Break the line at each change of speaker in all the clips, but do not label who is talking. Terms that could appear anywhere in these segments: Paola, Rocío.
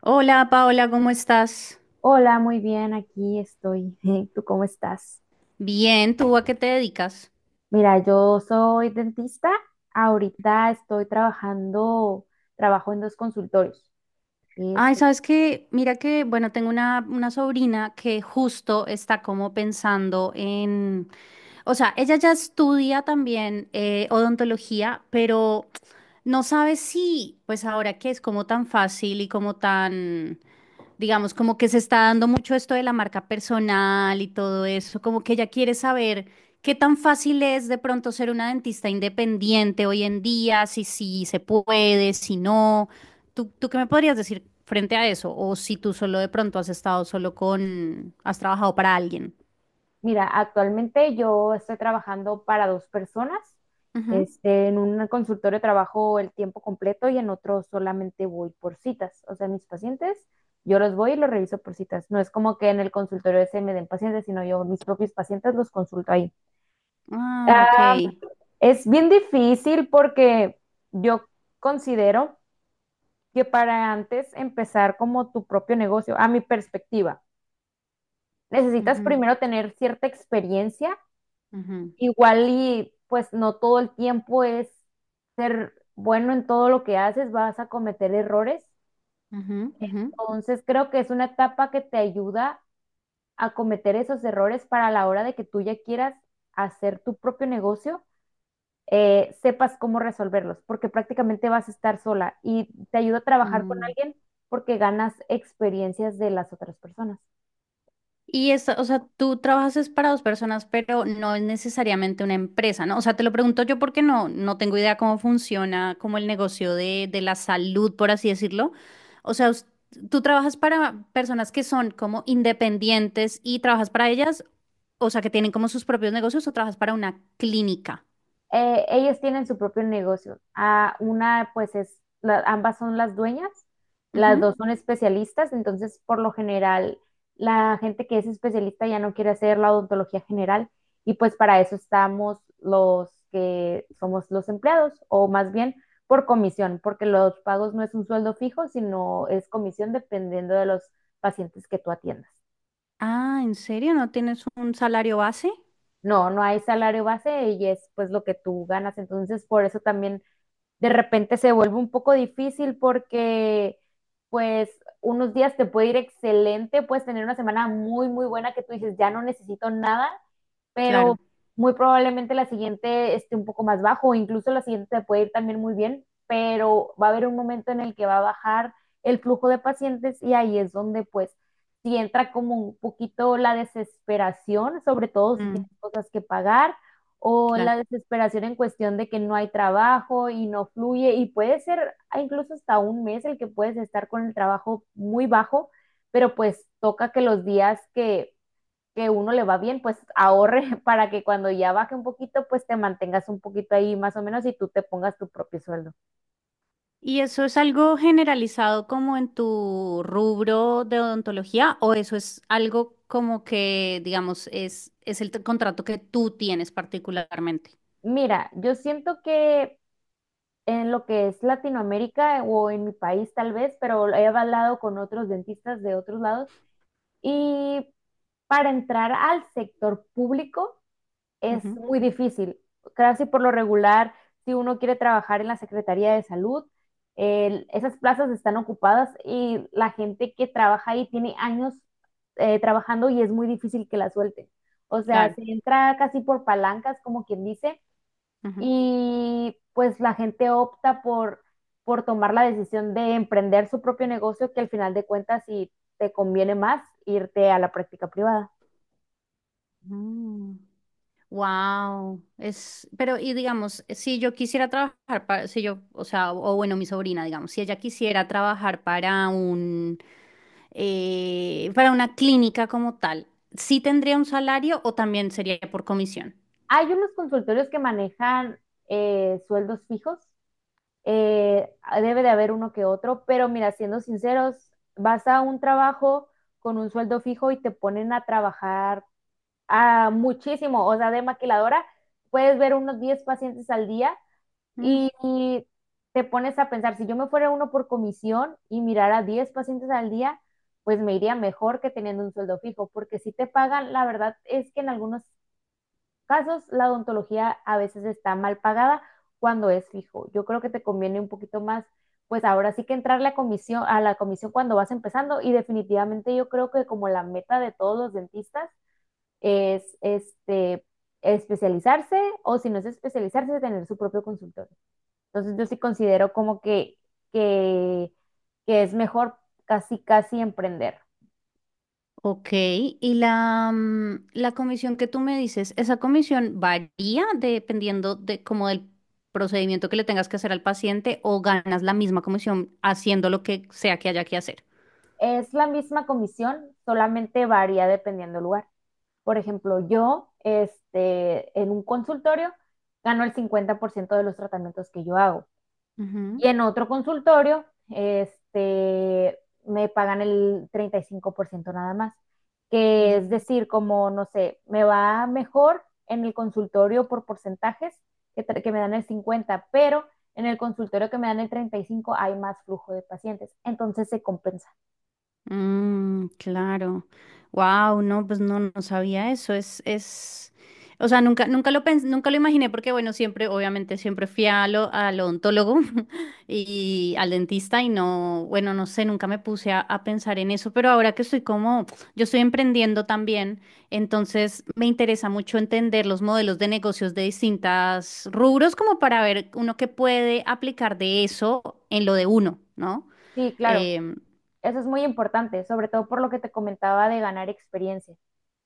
Hola Paola, ¿cómo estás?
Hola, muy bien, aquí estoy. ¿Tú cómo estás?
Bien, ¿tú a qué te dedicas?
Mira, yo soy dentista. Ahorita estoy trabajando, trabajo en dos consultorios.
Ay,
Este,
sabes que, mira que, bueno, tengo una sobrina que justo está como pensando en, o sea, ella ya estudia también odontología, pero no sabe si, pues ahora que es como tan fácil y como tan digamos, como que se está dando mucho esto de la marca personal y todo eso, como que ella quiere saber qué tan fácil es de pronto ser una dentista independiente hoy en día, si sí se puede, si no. ¿Tú qué me podrías decir frente a eso? O si tú solo de pronto has estado solo con, has trabajado para alguien.
mira, actualmente yo estoy trabajando para dos personas.
Ujú.
Este, en un consultorio trabajo el tiempo completo y en otro solamente voy por citas. O sea, mis pacientes, yo los voy y los reviso por citas. No es como que en el consultorio ese me den pacientes, sino yo mis propios pacientes los consulto ahí.
Ah, ok.
Ah, Es bien difícil porque yo considero que para antes empezar como tu propio negocio, a mi perspectiva, necesitas
Ujú,
primero tener cierta experiencia,
ujú,
igual y pues no todo el tiempo es ser bueno en todo lo que haces, vas a cometer errores.
ujú, ujú,
Entonces creo que es una etapa que te ayuda a cometer esos errores para la hora de que tú ya quieras hacer tu propio negocio, sepas cómo resolverlos, porque prácticamente vas a estar sola y te ayuda a trabajar con
mm.
alguien porque ganas experiencias de las otras personas.
Y esta, o sea, tú trabajas es para dos personas, pero no es necesariamente una empresa, ¿no? O sea, te lo pregunto yo porque no tengo idea cómo funciona como el negocio de la salud, por así decirlo. O sea, tú trabajas para personas que son como independientes y trabajas para ellas, o sea, que tienen como sus propios negocios o trabajas para una clínica.
Ellas tienen su propio negocio. Ah, una, pues es, ambas son las dueñas, las
Ujú.
dos son especialistas, entonces por lo general la gente que es especialista ya no quiere hacer la odontología general y pues para eso estamos los que somos los empleados o más bien por comisión, porque los pagos no es un sueldo fijo, sino es comisión dependiendo de los pacientes que tú atiendas.
Ah, ¿en serio? ¿No tienes un salario base?
No, no hay salario base y es pues lo que tú ganas, entonces por eso también de repente se vuelve un poco difícil porque pues unos días te puede ir excelente, puedes tener una semana muy, muy buena que tú dices, ya no necesito nada, pero
Claro.
muy probablemente la siguiente esté un poco más bajo, o incluso la siguiente te puede ir también muy bien, pero va a haber un momento en el que va a bajar el flujo de pacientes y ahí es donde pues si entra como un poquito la desesperación, sobre todo si tienes
Mm,
cosas que pagar o la
claro.
desesperación en cuestión de que no hay trabajo y no fluye y puede ser incluso hasta un mes el que puedes estar con el trabajo muy bajo, pero pues toca que los días que uno le va bien, pues ahorre para que cuando ya baje un poquito, pues te mantengas un poquito ahí más o menos y tú te pongas tu propio sueldo.
¿Y eso es algo generalizado como en tu rubro de odontología o eso es algo como que, digamos, es, contrato que tú tienes particularmente?
Mira, yo siento que en lo que es Latinoamérica o en mi país tal vez, pero he hablado con otros dentistas de otros lados y para entrar al sector público es
Ujú,
muy difícil. Casi por lo regular, si uno quiere trabajar en la Secretaría de Salud, esas plazas están ocupadas y la gente que trabaja ahí tiene años trabajando y es muy difícil que la suelten. O sea,
claro.
se entra casi por palancas, como quien dice, y pues la gente opta por tomar la decisión de emprender su propio negocio, que al final de cuentas, si te conviene más, irte a la práctica privada.
Wow. Es, pero, y digamos, si yo quisiera trabajar para, si yo, o sea, o bueno, mi sobrina, digamos, si ella quisiera trabajar para un, para una clínica como tal, ¿sí tendría un salario o también sería por comisión?
Hay unos consultorios que manejan sueldos fijos, eh, debe de haber uno que otro, pero mira, siendo sinceros, vas a un trabajo con un sueldo fijo y te ponen a trabajar a muchísimo, o sea, de maquiladora, puedes ver unos 10 pacientes al día y te pones a pensar, si yo me fuera uno por comisión y mirara 10 pacientes al día, pues me iría mejor que teniendo un sueldo fijo, porque si te pagan, la verdad es que en algunos casos, la odontología a veces está mal pagada cuando es fijo. Yo creo que te conviene un poquito más, pues ahora sí que entrarle a comisión, a la comisión cuando vas empezando y definitivamente yo creo que como la meta de todos los dentistas es especializarse o si no es especializarse, tener su propio consultorio. Entonces yo sí considero como que, que es mejor casi, casi emprender.
Ok, y la, mm, la comisión que tú me dices, ¿esa comisión varía dependiendo de como del procedimiento que le tengas que hacer al paciente o ganas la misma comisión haciendo lo que sea que haya que hacer?
Es la misma comisión, solamente varía dependiendo del lugar. Por ejemplo, yo, en un consultorio gano el 50% de los tratamientos que yo hago.
Ujú,
Y en otro consultorio, este, me pagan el 35% nada más. Que
ujú.
es decir, como, no sé, me va mejor en el consultorio por porcentajes que me dan el 50, pero en el consultorio que me dan el 35 hay más flujo de pacientes. Entonces se compensa.
Mm, claro. Wow, no, pues no, no sabía eso. Es, o sea, nunca, nunca lo imaginé porque, bueno, siempre, obviamente, siempre fui a lo, al odontólogo y al dentista y no, bueno, no sé, nunca me puse a pensar en eso, pero ahora que estoy como, yo estoy emprendiendo también, entonces me interesa mucho entender los modelos de negocios de distintas rubros como para ver uno que puede aplicar de eso en lo de uno, ¿no?
Sí, claro.
Em,
Eso es muy importante, sobre todo por lo que te comentaba de ganar experiencia.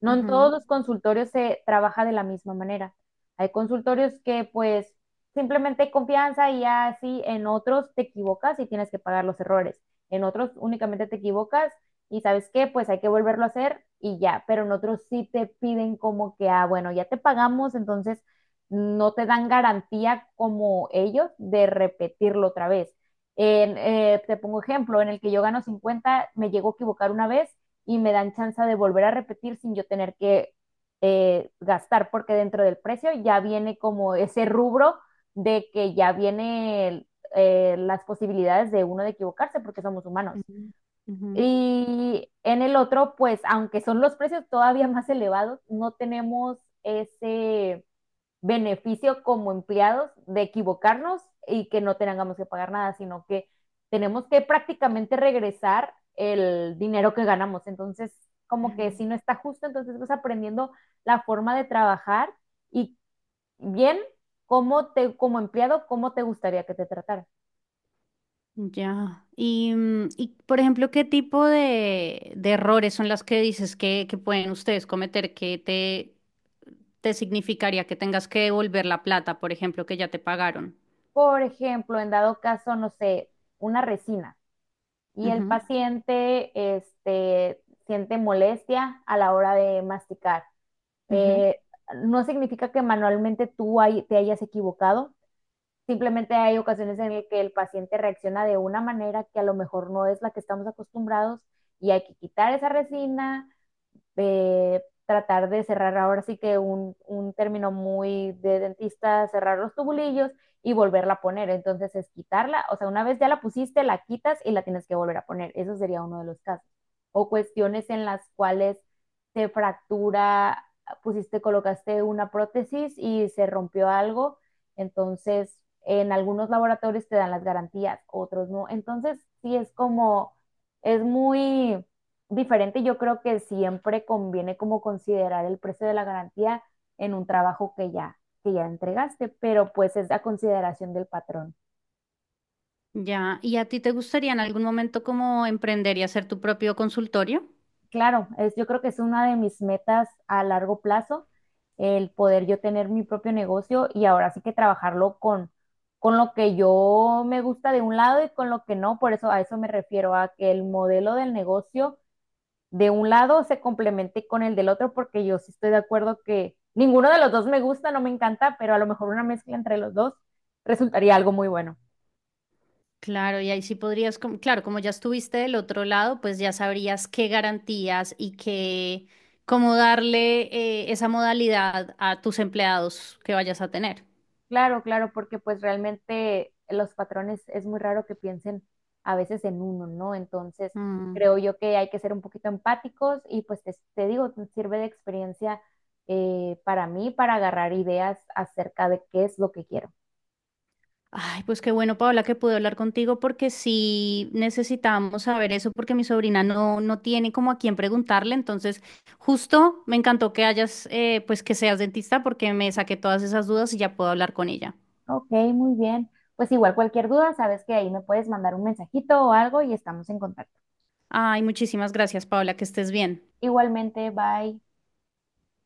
No en todos
ujú.
los consultorios se trabaja de la misma manera. Hay consultorios que pues simplemente hay confianza y ya, así en otros te equivocas y tienes que pagar los errores. En otros únicamente te equivocas y sabes qué, pues hay que volverlo a hacer y ya, pero en otros sí te piden como que, ah, bueno, ya te pagamos, entonces no te dan garantía como ellos de repetirlo otra vez. En, te pongo ejemplo, en el que yo gano 50 me llego a equivocar una vez y me dan chance de volver a repetir sin yo tener que gastar, porque dentro del precio ya viene como ese rubro de que ya viene las posibilidades de uno de equivocarse porque somos humanos.
Ujú, ujú.
Y en el otro, pues aunque son los precios todavía más elevados, no tenemos ese beneficio como empleados de equivocarnos y que no tengamos que pagar nada, sino que tenemos que prácticamente regresar el dinero que ganamos. Entonces, como que si no está justo, entonces vas aprendiendo la forma de trabajar y bien cómo te, como empleado, cómo te gustaría que te tratara.
Ya. Y, mm, y, por ejemplo, ¿qué tipo de errores son las que dices que pueden ustedes cometer que te significaría que tengas que devolver la plata, por ejemplo, que ya te pagaron?
Por ejemplo, en dado caso, no sé, una resina y el
Ujú,
paciente este, siente molestia a la hora de masticar.
ujú.
Eh, no significa que manualmente tú te hayas equivocado, simplemente hay ocasiones en las que el paciente reacciona de una manera que a lo mejor no es la que estamos acostumbrados y hay que quitar esa resina, tratar de cerrar ahora sí que un término muy de dentista, cerrar los tubulillos y volverla a poner. Entonces es quitarla, o sea, una vez ya la pusiste, la quitas y la tienes que volver a poner. Eso sería uno de los casos. O cuestiones en las cuales se fractura, pusiste, colocaste una prótesis y se rompió algo. Entonces, en algunos laboratorios te dan las garantías, otros no. Entonces, sí es como, es muy diferente. Yo creo que siempre conviene como considerar el precio de la garantía en un trabajo que ya entregaste, pero pues es a consideración del patrón.
Ya. ¿Y a ti te gustaría en algún momento como emprender y hacer tu propio consultorio?
Claro, es, yo creo que es una de mis metas a largo plazo, el poder yo tener mi propio negocio y ahora sí que trabajarlo con lo que yo me gusta de un lado y con lo que no. Por eso a eso me refiero, a que el modelo del negocio de un lado se complemente con el del otro, porque yo sí estoy de acuerdo que ninguno de los dos me gusta, no me encanta, pero a lo mejor una mezcla entre los dos resultaría algo muy bueno.
Claro, y ahí sí podrías, como claro, como ya estuviste del otro lado, pues ya sabrías qué garantías y qué, cómo darle esa modalidad a tus empleados que vayas a tener.
Claro, claro, porque pues realmente los patrones es muy raro que piensen a veces en uno, ¿no? Entonces,
Mm.
creo yo que hay que ser un poquito empáticos y pues te digo, te sirve de experiencia para mí para agarrar ideas acerca de qué es lo que quiero.
Ay, pues qué bueno, Paola, que pude hablar contigo porque sí necesitamos saber eso porque mi sobrina no, no tiene como a quién preguntarle. Entonces, justo me encantó que hayas, pues que seas dentista porque me saqué todas esas dudas y ya puedo hablar con ella.
Ok, muy bien. Pues igual cualquier duda, sabes que ahí me puedes mandar un mensajito o algo y estamos en contacto.
Ay, muchísimas gracias, Paola, que estés bien.
Igualmente, bye.